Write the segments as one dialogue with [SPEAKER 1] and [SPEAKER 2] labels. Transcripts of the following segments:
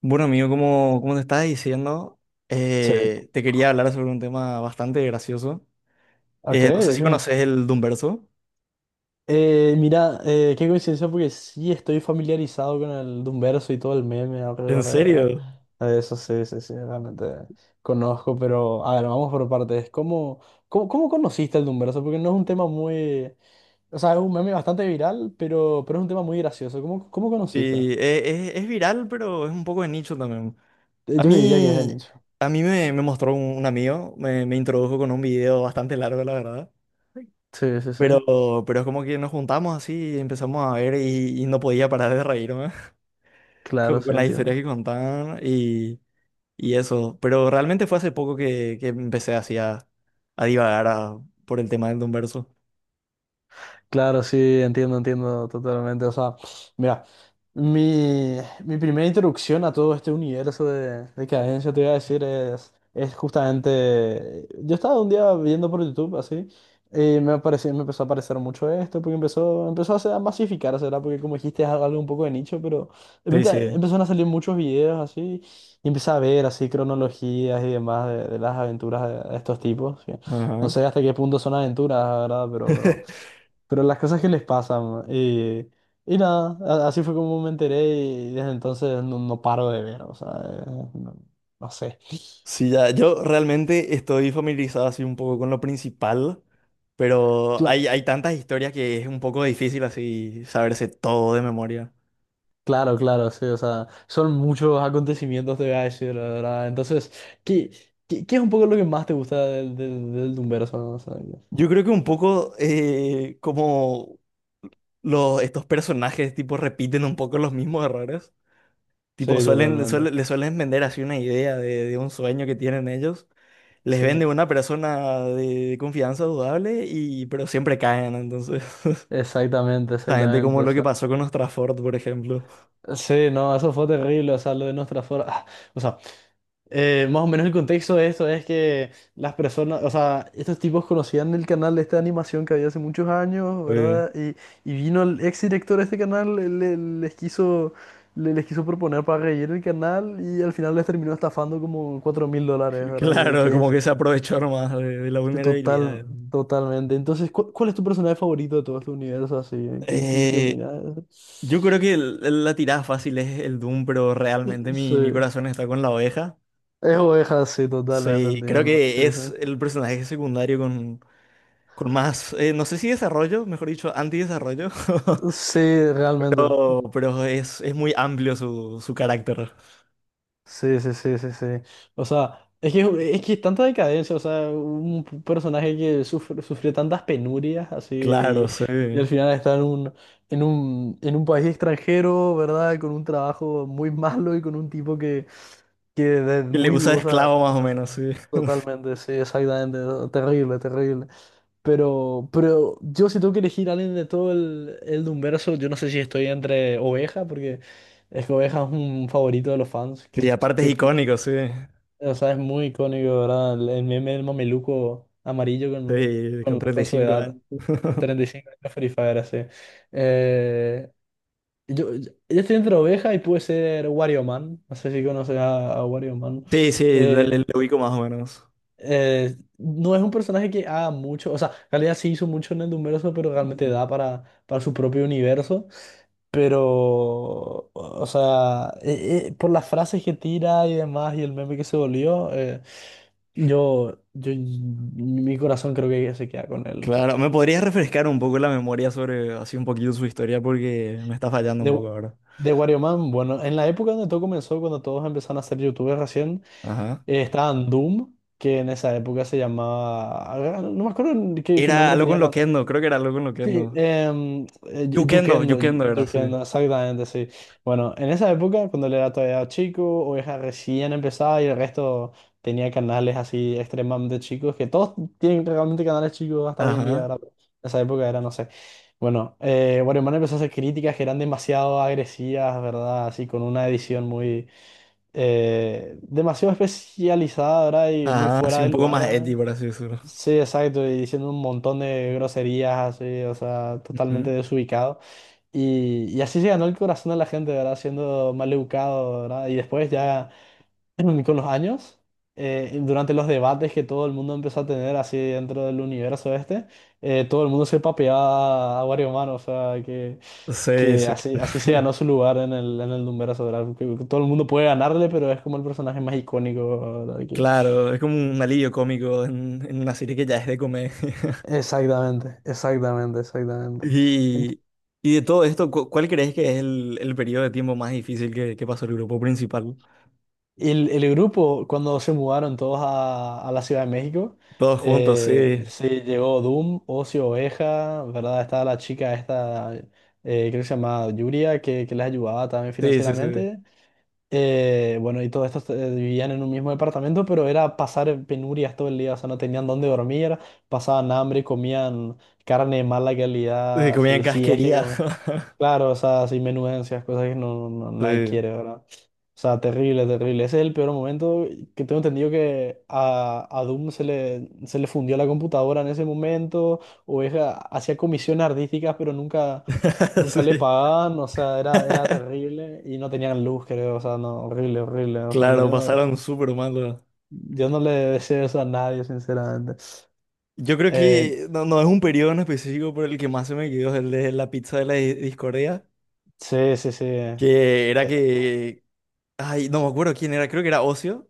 [SPEAKER 1] Bueno, amigo, como te estaba diciendo,
[SPEAKER 2] Sí,
[SPEAKER 1] te quería hablar sobre un tema bastante gracioso.
[SPEAKER 2] ok,
[SPEAKER 1] No sé si
[SPEAKER 2] ok.
[SPEAKER 1] conoces el Doomverso.
[SPEAKER 2] Mira, qué coincidencia porque sí estoy familiarizado con el Doomverso y todo el meme
[SPEAKER 1] ¿En
[SPEAKER 2] alrededor
[SPEAKER 1] serio?
[SPEAKER 2] de eso, sí, realmente conozco, pero a ver, vamos por partes. ¿ cómo conociste el Doomverso? Porque no es un tema muy, o sea, es un meme bastante viral, pero es un tema muy gracioso. ¿ cómo conociste?
[SPEAKER 1] Sí, es viral, pero es un poco de nicho también. A
[SPEAKER 2] Yo que diría que es de
[SPEAKER 1] mí,
[SPEAKER 2] nicho.
[SPEAKER 1] a mí me mostró un amigo, me introdujo con un video bastante largo, la verdad.
[SPEAKER 2] Sí, sí, sí.
[SPEAKER 1] Pero, pero es como que nos juntamos así, y empezamos a ver y no podía parar de reírme
[SPEAKER 2] Claro,
[SPEAKER 1] con
[SPEAKER 2] sí,
[SPEAKER 1] las historias que
[SPEAKER 2] entiendo.
[SPEAKER 1] contaban y eso, pero realmente fue hace poco que empecé así a divagar por el tema del Don Verso.
[SPEAKER 2] Claro, sí, entiendo, entiendo totalmente. O sea, mira, mi, mi primera introducción a todo este universo de cadencia, te iba a decir, es justamente. Yo estaba un día viendo por YouTube así, y me apareció, me empezó a aparecer mucho esto, porque empezó, a masificarse, ¿verdad? Porque como dijiste, es algo un poco de nicho, pero de
[SPEAKER 1] Sí,
[SPEAKER 2] repente
[SPEAKER 1] sí.
[SPEAKER 2] empezaron a salir muchos videos así, y empecé a ver así cronologías y demás de las aventuras de estos tipos. Que no
[SPEAKER 1] Ajá.
[SPEAKER 2] sé hasta qué punto son aventuras, ¿verdad? Pero, pero. Pero las cosas que les pasan. Y nada, así fue como me enteré y desde entonces no, no paro de ver, o sea, no, no sé.
[SPEAKER 1] Sí, ya, yo realmente estoy familiarizado así un poco con lo principal, pero
[SPEAKER 2] Cla-
[SPEAKER 1] hay tantas historias que es un poco difícil así saberse todo de memoria.
[SPEAKER 2] claro, claro, sí, o sea, son muchos acontecimientos, te voy a decir, la verdad. Entonces, ¿qué, qué es un poco lo que más te gusta del del Doomverso, no? O sea, que...
[SPEAKER 1] Yo creo que un poco como estos personajes tipo repiten un poco los mismos errores, tipo
[SPEAKER 2] sí, totalmente.
[SPEAKER 1] le suelen vender así una idea de un sueño que tienen ellos. Les
[SPEAKER 2] Sí.
[SPEAKER 1] vende una persona de confianza dudable y pero siempre caen, entonces
[SPEAKER 2] Exactamente,
[SPEAKER 1] justamente
[SPEAKER 2] exactamente,
[SPEAKER 1] como
[SPEAKER 2] o
[SPEAKER 1] lo que
[SPEAKER 2] sea,
[SPEAKER 1] pasó con Ostrafort, por ejemplo.
[SPEAKER 2] sí, no, eso fue terrible, o sea, lo de nuestra forma, o sea, más o menos el contexto de esto es que las personas, o sea, estos tipos conocían el canal de esta animación que había hace muchos años,
[SPEAKER 1] Fue-
[SPEAKER 2] ¿verdad? Y vino el ex director de este canal, les quiso, les quiso proponer para reír el canal y al final les terminó estafando como $4,000, ¿verdad? Y de
[SPEAKER 1] Claro,
[SPEAKER 2] que
[SPEAKER 1] como
[SPEAKER 2] es
[SPEAKER 1] que se aprovechó nomás de la
[SPEAKER 2] total,
[SPEAKER 1] vulnerabilidad.
[SPEAKER 2] totalmente. Entonces, ¿ es tu personaje favorito de todo este universo así? ¿ qué
[SPEAKER 1] Eh,
[SPEAKER 2] opinas?
[SPEAKER 1] yo creo que la tirada fácil es el Doom, pero realmente
[SPEAKER 2] Sí.
[SPEAKER 1] mi corazón está con la oveja.
[SPEAKER 2] Es oveja, sí, totalmente,
[SPEAKER 1] Sí, creo
[SPEAKER 2] entiendo.
[SPEAKER 1] que
[SPEAKER 2] Sí, sí.
[SPEAKER 1] es el personaje secundario con más, no sé si desarrollo, mejor dicho, antidesarrollo,
[SPEAKER 2] Sí, realmente.
[SPEAKER 1] pero es muy amplio su carácter.
[SPEAKER 2] Sí, sí, sí, sí, sí. O sea, es que tanta decadencia, o sea, un personaje que sufrió tantas penurias,
[SPEAKER 1] Claro,
[SPEAKER 2] así,
[SPEAKER 1] sí.
[SPEAKER 2] y al
[SPEAKER 1] Y
[SPEAKER 2] final está en un, en un país extranjero, ¿verdad? Con un trabajo muy malo y con un tipo que de
[SPEAKER 1] le
[SPEAKER 2] muy
[SPEAKER 1] usa de
[SPEAKER 2] dudosa
[SPEAKER 1] esclavo más o menos,
[SPEAKER 2] reputación.
[SPEAKER 1] sí.
[SPEAKER 2] Totalmente, sí, exactamente. No, terrible, terrible. Pero yo si tengo que elegir a alguien de todo el Dunverso, yo no sé si estoy entre Oveja, porque... Es que Oveja es un favorito de los fans.
[SPEAKER 1] Y aparte es icónico, sí.
[SPEAKER 2] O sea, es muy icónico, ¿verdad? El meme del mameluco amarillo con,
[SPEAKER 1] Sí, con treinta y
[SPEAKER 2] con su
[SPEAKER 1] cinco
[SPEAKER 2] edad.
[SPEAKER 1] años.
[SPEAKER 2] 35 años Free Fire, así. Eh, yo estoy entre oveja y puede ser Wario Man. No sé si conoces a Wario Man.
[SPEAKER 1] Sí, sí, le,
[SPEAKER 2] Eh,
[SPEAKER 1] le ubico más o menos.
[SPEAKER 2] no es un personaje que haga mucho, o sea, en realidad sí hizo mucho en el Dumbverso, pero realmente
[SPEAKER 1] Ujú.
[SPEAKER 2] da para su propio universo. Pero, o sea, por las frases que tira y demás y el meme que se volvió, yo, mi corazón creo que se queda con él.
[SPEAKER 1] Claro, ¿me podrías refrescar un poco la memoria sobre así un poquito su historia? Porque me está fallando un
[SPEAKER 2] De,
[SPEAKER 1] poco ahora.
[SPEAKER 2] de Wario Man, bueno, en la época donde todo comenzó, cuando todos empezaron a ser youtubers recién,
[SPEAKER 1] Ajá.
[SPEAKER 2] estaban Doom, que en esa época se llamaba, no me acuerdo qué
[SPEAKER 1] Era
[SPEAKER 2] nombre
[SPEAKER 1] algo
[SPEAKER 2] tenía.
[SPEAKER 1] con Loquendo, creo que era algo con
[SPEAKER 2] Sí,
[SPEAKER 1] Loquendo. Yukendo,
[SPEAKER 2] Yukendo,
[SPEAKER 1] Yukendo era, sí.
[SPEAKER 2] Yukendo, exactamente, sí. Bueno, en esa época, cuando él era todavía chico, Oveja recién empezaba y el resto tenía canales así extremadamente chicos, que todos tienen realmente canales chicos hasta hoy en día,
[SPEAKER 1] Ajá.
[SPEAKER 2] ¿verdad? Pero en esa época era, no sé. Bueno, Guarimán empezó a hacer críticas que eran demasiado agresivas, ¿verdad? Así con una edición muy... demasiado especializada, ¿verdad? Y muy
[SPEAKER 1] Ajá, así
[SPEAKER 2] fuera
[SPEAKER 1] un
[SPEAKER 2] de
[SPEAKER 1] poco
[SPEAKER 2] lugar.
[SPEAKER 1] más edgy,
[SPEAKER 2] ¿Eh?
[SPEAKER 1] por así decirlo.
[SPEAKER 2] Sí, exacto, y diciendo un montón de groserías así, o sea, totalmente
[SPEAKER 1] Ujú.
[SPEAKER 2] desubicado. Y así se ganó el corazón de la gente, ¿verdad? Siendo mal educado, ¿verdad? Y después ya con los años, durante los debates que todo el mundo empezó a tener así dentro del universo este, todo el mundo se papeaba a Wario Man, o sea,
[SPEAKER 1] Sí,
[SPEAKER 2] que
[SPEAKER 1] sí.
[SPEAKER 2] así, así se ganó su lugar en el Dunverso, ¿verdad? Que todo el mundo puede ganarle, pero es como el personaje más icónico, ¿verdad? Que...
[SPEAKER 1] Claro, es como un alivio cómico en, una serie que ya es de comedia.
[SPEAKER 2] Exactamente, exactamente, exactamente.
[SPEAKER 1] Y, y de todo esto, ¿cuál crees que es el periodo de tiempo más difícil que pasó el grupo principal?
[SPEAKER 2] Y el grupo, cuando se mudaron todos a la Ciudad de México,
[SPEAKER 1] Todos juntos, sí,
[SPEAKER 2] sí, llegó Doom, Ocio Oveja, ¿verdad? Estaba la chica esta, creo que se llamaba Yuria, que les ayudaba también
[SPEAKER 1] sí, sí, sí.
[SPEAKER 2] financieramente. Bueno, y todos estos vivían en un mismo departamento, pero era pasar penurias todo el día, o sea, no tenían dónde dormir, pasaban hambre, comían carne de mala
[SPEAKER 1] Sí,
[SPEAKER 2] calidad,
[SPEAKER 1] comían
[SPEAKER 2] sí, sí, es que
[SPEAKER 1] casquería.
[SPEAKER 2] comer. Claro, o sea, así menudencias, cosas que no, nadie
[SPEAKER 1] Sí.
[SPEAKER 2] quiere, ¿verdad? O sea, terrible, terrible. Ese es el peor momento que tengo entendido que a Doom se se le fundió la computadora en ese momento, o es, hacía comisiones artísticas, pero nunca... nunca le
[SPEAKER 1] Sí.
[SPEAKER 2] pagaban, o sea, era terrible y no tenían luz, creo, o sea, no, horrible, horrible, o sea, no,
[SPEAKER 1] Claro,
[SPEAKER 2] yo no,
[SPEAKER 1] pasaron súper mal.
[SPEAKER 2] yo no le deseo eso a nadie, sinceramente.
[SPEAKER 1] Yo creo
[SPEAKER 2] Eh,
[SPEAKER 1] que no, no es un periodo en específico, pero el que más se me quedó es el de la pizza de la discordia,
[SPEAKER 2] sí, sí, sí,
[SPEAKER 1] que era que, ay, no me acuerdo quién era, creo que era Ocio,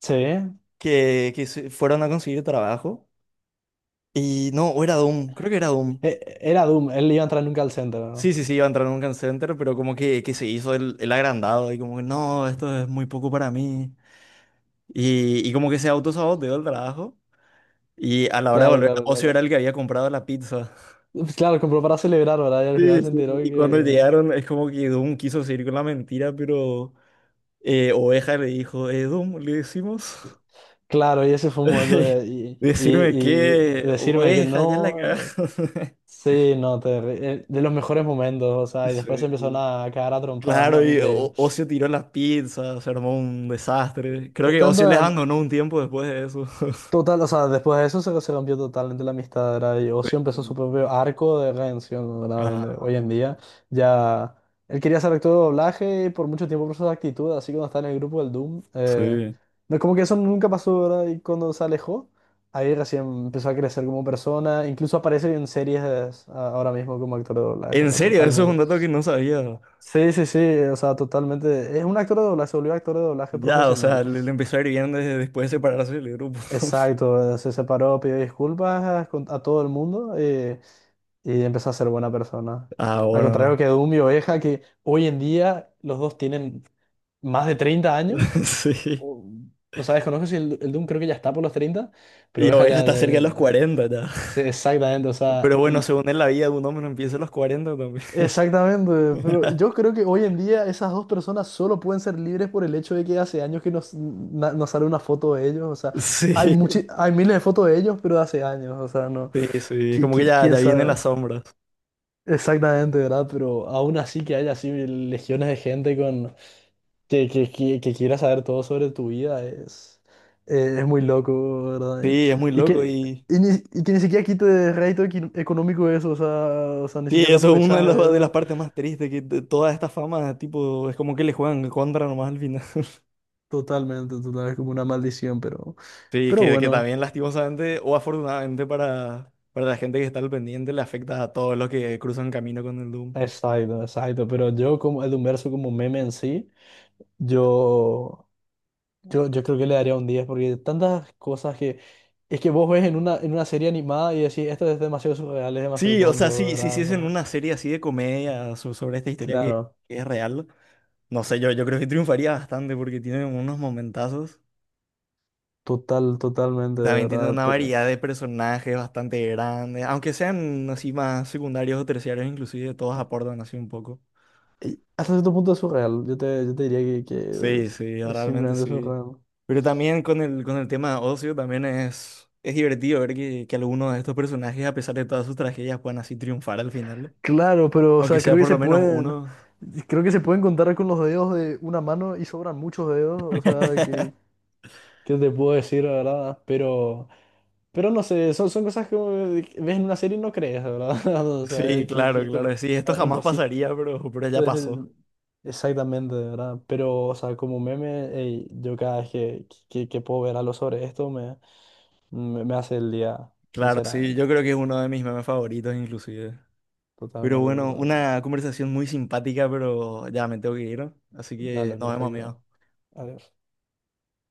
[SPEAKER 2] sí,
[SPEAKER 1] que se fueron a conseguir trabajo. Y no, o era Doom, creo que era Doom.
[SPEAKER 2] era Doom, él iba a entrar nunca al centro,
[SPEAKER 1] Sí,
[SPEAKER 2] ¿no?
[SPEAKER 1] sí, sí, iba a entrar en un call center, pero como que se hizo el agrandado y como que no, esto es muy poco para mí. Y como que se autosaboteó el trabajo. Y a la hora de
[SPEAKER 2] Claro,
[SPEAKER 1] volver,
[SPEAKER 2] claro,
[SPEAKER 1] Ocio era
[SPEAKER 2] claro.
[SPEAKER 1] el que había comprado la pizza.
[SPEAKER 2] Pues claro, compró para celebrar, ¿verdad? Y al final
[SPEAKER 1] Sí,
[SPEAKER 2] se
[SPEAKER 1] sí.
[SPEAKER 2] enteró
[SPEAKER 1] Y cuando
[SPEAKER 2] que,
[SPEAKER 1] llegaron, es como que Doom quiso seguir con la mentira, pero Oveja le dijo, Doom, le decimos,
[SPEAKER 2] claro, y ese fue un momento de,
[SPEAKER 1] decirme
[SPEAKER 2] y
[SPEAKER 1] que
[SPEAKER 2] decirme que
[SPEAKER 1] Oveja, ya la
[SPEAKER 2] no,
[SPEAKER 1] cagaste.
[SPEAKER 2] sí, no, de los mejores momentos, o sea, y
[SPEAKER 1] Sí.
[SPEAKER 2] después se empezaron a cagar a trompadas,
[SPEAKER 1] Claro,
[SPEAKER 2] ¿no?
[SPEAKER 1] y
[SPEAKER 2] Increíble.
[SPEAKER 1] Ocio tiró las pizzas, se armó un desastre. Creo que
[SPEAKER 2] Estando
[SPEAKER 1] Ocio les abandonó un tiempo después de eso.
[SPEAKER 2] total, o sea, después de eso se, se rompió totalmente la amistad, ¿verdad? Y Ocio empezó su
[SPEAKER 1] Sí.
[SPEAKER 2] propio arco de redención, ¿verdad?
[SPEAKER 1] Ajá.
[SPEAKER 2] Donde hoy en
[SPEAKER 1] Ajá.
[SPEAKER 2] día ya él quería ser actor de doblaje y por mucho tiempo por su actitud, así que cuando estaba en el grupo del Doom,
[SPEAKER 1] Sí.
[SPEAKER 2] no, como que eso nunca pasó, ¿verdad? Y cuando se alejó, ahí recién empezó a crecer como persona, incluso aparece en series ahora mismo como actor de doblaje, o
[SPEAKER 1] En
[SPEAKER 2] sea,
[SPEAKER 1] serio, eso es un
[SPEAKER 2] totalmente.
[SPEAKER 1] dato que no sabía.
[SPEAKER 2] Sí, sí, sí, o sea, totalmente. Es un actor de doblaje, se volvió actor de doblaje
[SPEAKER 1] Ya, o
[SPEAKER 2] profesional.
[SPEAKER 1] sea, le empezó a ir bien desde después de separarse del grupo.
[SPEAKER 2] Exacto, se separó, pidió disculpas a todo el mundo, y empezó a ser buena persona.
[SPEAKER 1] Ah,
[SPEAKER 2] Al contrario
[SPEAKER 1] bueno.
[SPEAKER 2] que Doom y Oveja, que hoy en día los dos tienen más de 30 años.
[SPEAKER 1] Sí.
[SPEAKER 2] O, o sea, desconozco si el, el Doom creo que ya está por los 30, pero
[SPEAKER 1] Y
[SPEAKER 2] Oveja
[SPEAKER 1] Oveja
[SPEAKER 2] ya,
[SPEAKER 1] está cerca de los
[SPEAKER 2] ya...
[SPEAKER 1] 40 ya.
[SPEAKER 2] sí, exactamente, o
[SPEAKER 1] Pero
[SPEAKER 2] sea,
[SPEAKER 1] bueno,
[SPEAKER 2] y...
[SPEAKER 1] según en la vida de un hombre no empieza a los 40 también.
[SPEAKER 2] Exactamente, pero yo creo que hoy en día esas dos personas solo pueden ser libres por el hecho de que hace años que nos, nos sale una foto de ellos, o sea,
[SPEAKER 1] Sí,
[SPEAKER 2] hay miles de fotos de ellos, pero de hace años, o sea, no.
[SPEAKER 1] sí, sí. Es como que ya,
[SPEAKER 2] Quién
[SPEAKER 1] ya viene en
[SPEAKER 2] sabe
[SPEAKER 1] las sombras.
[SPEAKER 2] exactamente, ¿verdad? Pero aún así que haya así legiones de gente con que, que quiera saber todo sobre tu vida es muy loco, ¿verdad?
[SPEAKER 1] Sí, es muy
[SPEAKER 2] Y
[SPEAKER 1] loco
[SPEAKER 2] que,
[SPEAKER 1] y...
[SPEAKER 2] y que ni siquiera quite económico eso, o sea, ni
[SPEAKER 1] Sí,
[SPEAKER 2] siquiera te
[SPEAKER 1] eso es una de
[SPEAKER 2] aprovechas
[SPEAKER 1] las,
[SPEAKER 2] de
[SPEAKER 1] de las
[SPEAKER 2] eso.
[SPEAKER 1] partes más tristes, que de toda esta fama, tipo, es como que le juegan en contra nomás al final.
[SPEAKER 2] Totalmente, total, es como una maldición,
[SPEAKER 1] Sí,
[SPEAKER 2] pero
[SPEAKER 1] que
[SPEAKER 2] bueno.
[SPEAKER 1] también lastimosamente o afortunadamente para la gente que está al pendiente le afecta a todos los que cruzan camino con el Doom.
[SPEAKER 2] Exacto, exacto, pero yo como el Humberso como meme en sí, yo... Yo creo que le daría un 10 porque tantas cosas que... Es que vos ves en una serie animada y decís, esto es demasiado surreal, es demasiado
[SPEAKER 1] Sí, o sea,
[SPEAKER 2] tonto,
[SPEAKER 1] si
[SPEAKER 2] ¿verdad?
[SPEAKER 1] hiciesen
[SPEAKER 2] Pero
[SPEAKER 1] una serie así de comedia sobre esta historia que,
[SPEAKER 2] claro,
[SPEAKER 1] que es real, no sé, yo creo que triunfaría bastante porque tiene unos momentazos.
[SPEAKER 2] total, totalmente,
[SPEAKER 1] Y También tiene
[SPEAKER 2] ¿verdad?
[SPEAKER 1] una
[SPEAKER 2] Pero
[SPEAKER 1] variedad de personajes bastante grande, aunque sean así más secundarios o terciarios, inclusive todos aportan así un poco.
[SPEAKER 2] hasta cierto punto es surreal. Yo te diría que
[SPEAKER 1] Sí, sí,
[SPEAKER 2] es
[SPEAKER 1] realmente
[SPEAKER 2] simplemente
[SPEAKER 1] sí.
[SPEAKER 2] surreal.
[SPEAKER 1] Pero también con el, tema de ocio, también es divertido ver que algunos de estos personajes, a pesar de todas sus tragedias, puedan así triunfar al final, ¿no?
[SPEAKER 2] Claro, pero o
[SPEAKER 1] Aunque
[SPEAKER 2] sea,
[SPEAKER 1] sea
[SPEAKER 2] creo que
[SPEAKER 1] por
[SPEAKER 2] se
[SPEAKER 1] lo menos
[SPEAKER 2] pueden...
[SPEAKER 1] uno.
[SPEAKER 2] Creo que se pueden contar con los dedos de una mano y sobran muchos dedos, o sea, que te puedo decir, la ¿verdad? Pero no sé, son, son cosas que ves en una serie y no crees, ¿verdad? O sea,
[SPEAKER 1] Sí,
[SPEAKER 2] que
[SPEAKER 1] claro,
[SPEAKER 2] esto
[SPEAKER 1] claro, sí, esto
[SPEAKER 2] no,
[SPEAKER 1] jamás
[SPEAKER 2] imposible.
[SPEAKER 1] pasaría, pero, ya
[SPEAKER 2] Esto es,
[SPEAKER 1] pasó.
[SPEAKER 2] exactamente, ¿verdad? Pero, o sea, como meme, ey, yo cada vez que, que puedo ver algo sobre esto, me hace el día,
[SPEAKER 1] Claro, sí,
[SPEAKER 2] sinceramente.
[SPEAKER 1] yo creo que es uno de mis memes favoritos inclusive. Pero
[SPEAKER 2] Totalmente,
[SPEAKER 1] bueno,
[SPEAKER 2] totalmente.
[SPEAKER 1] una conversación muy simpática, pero ya me tengo que ir, ¿no? Así que
[SPEAKER 2] Dale,
[SPEAKER 1] nos vemos,
[SPEAKER 2] perfecto.
[SPEAKER 1] amigos.
[SPEAKER 2] Adiós.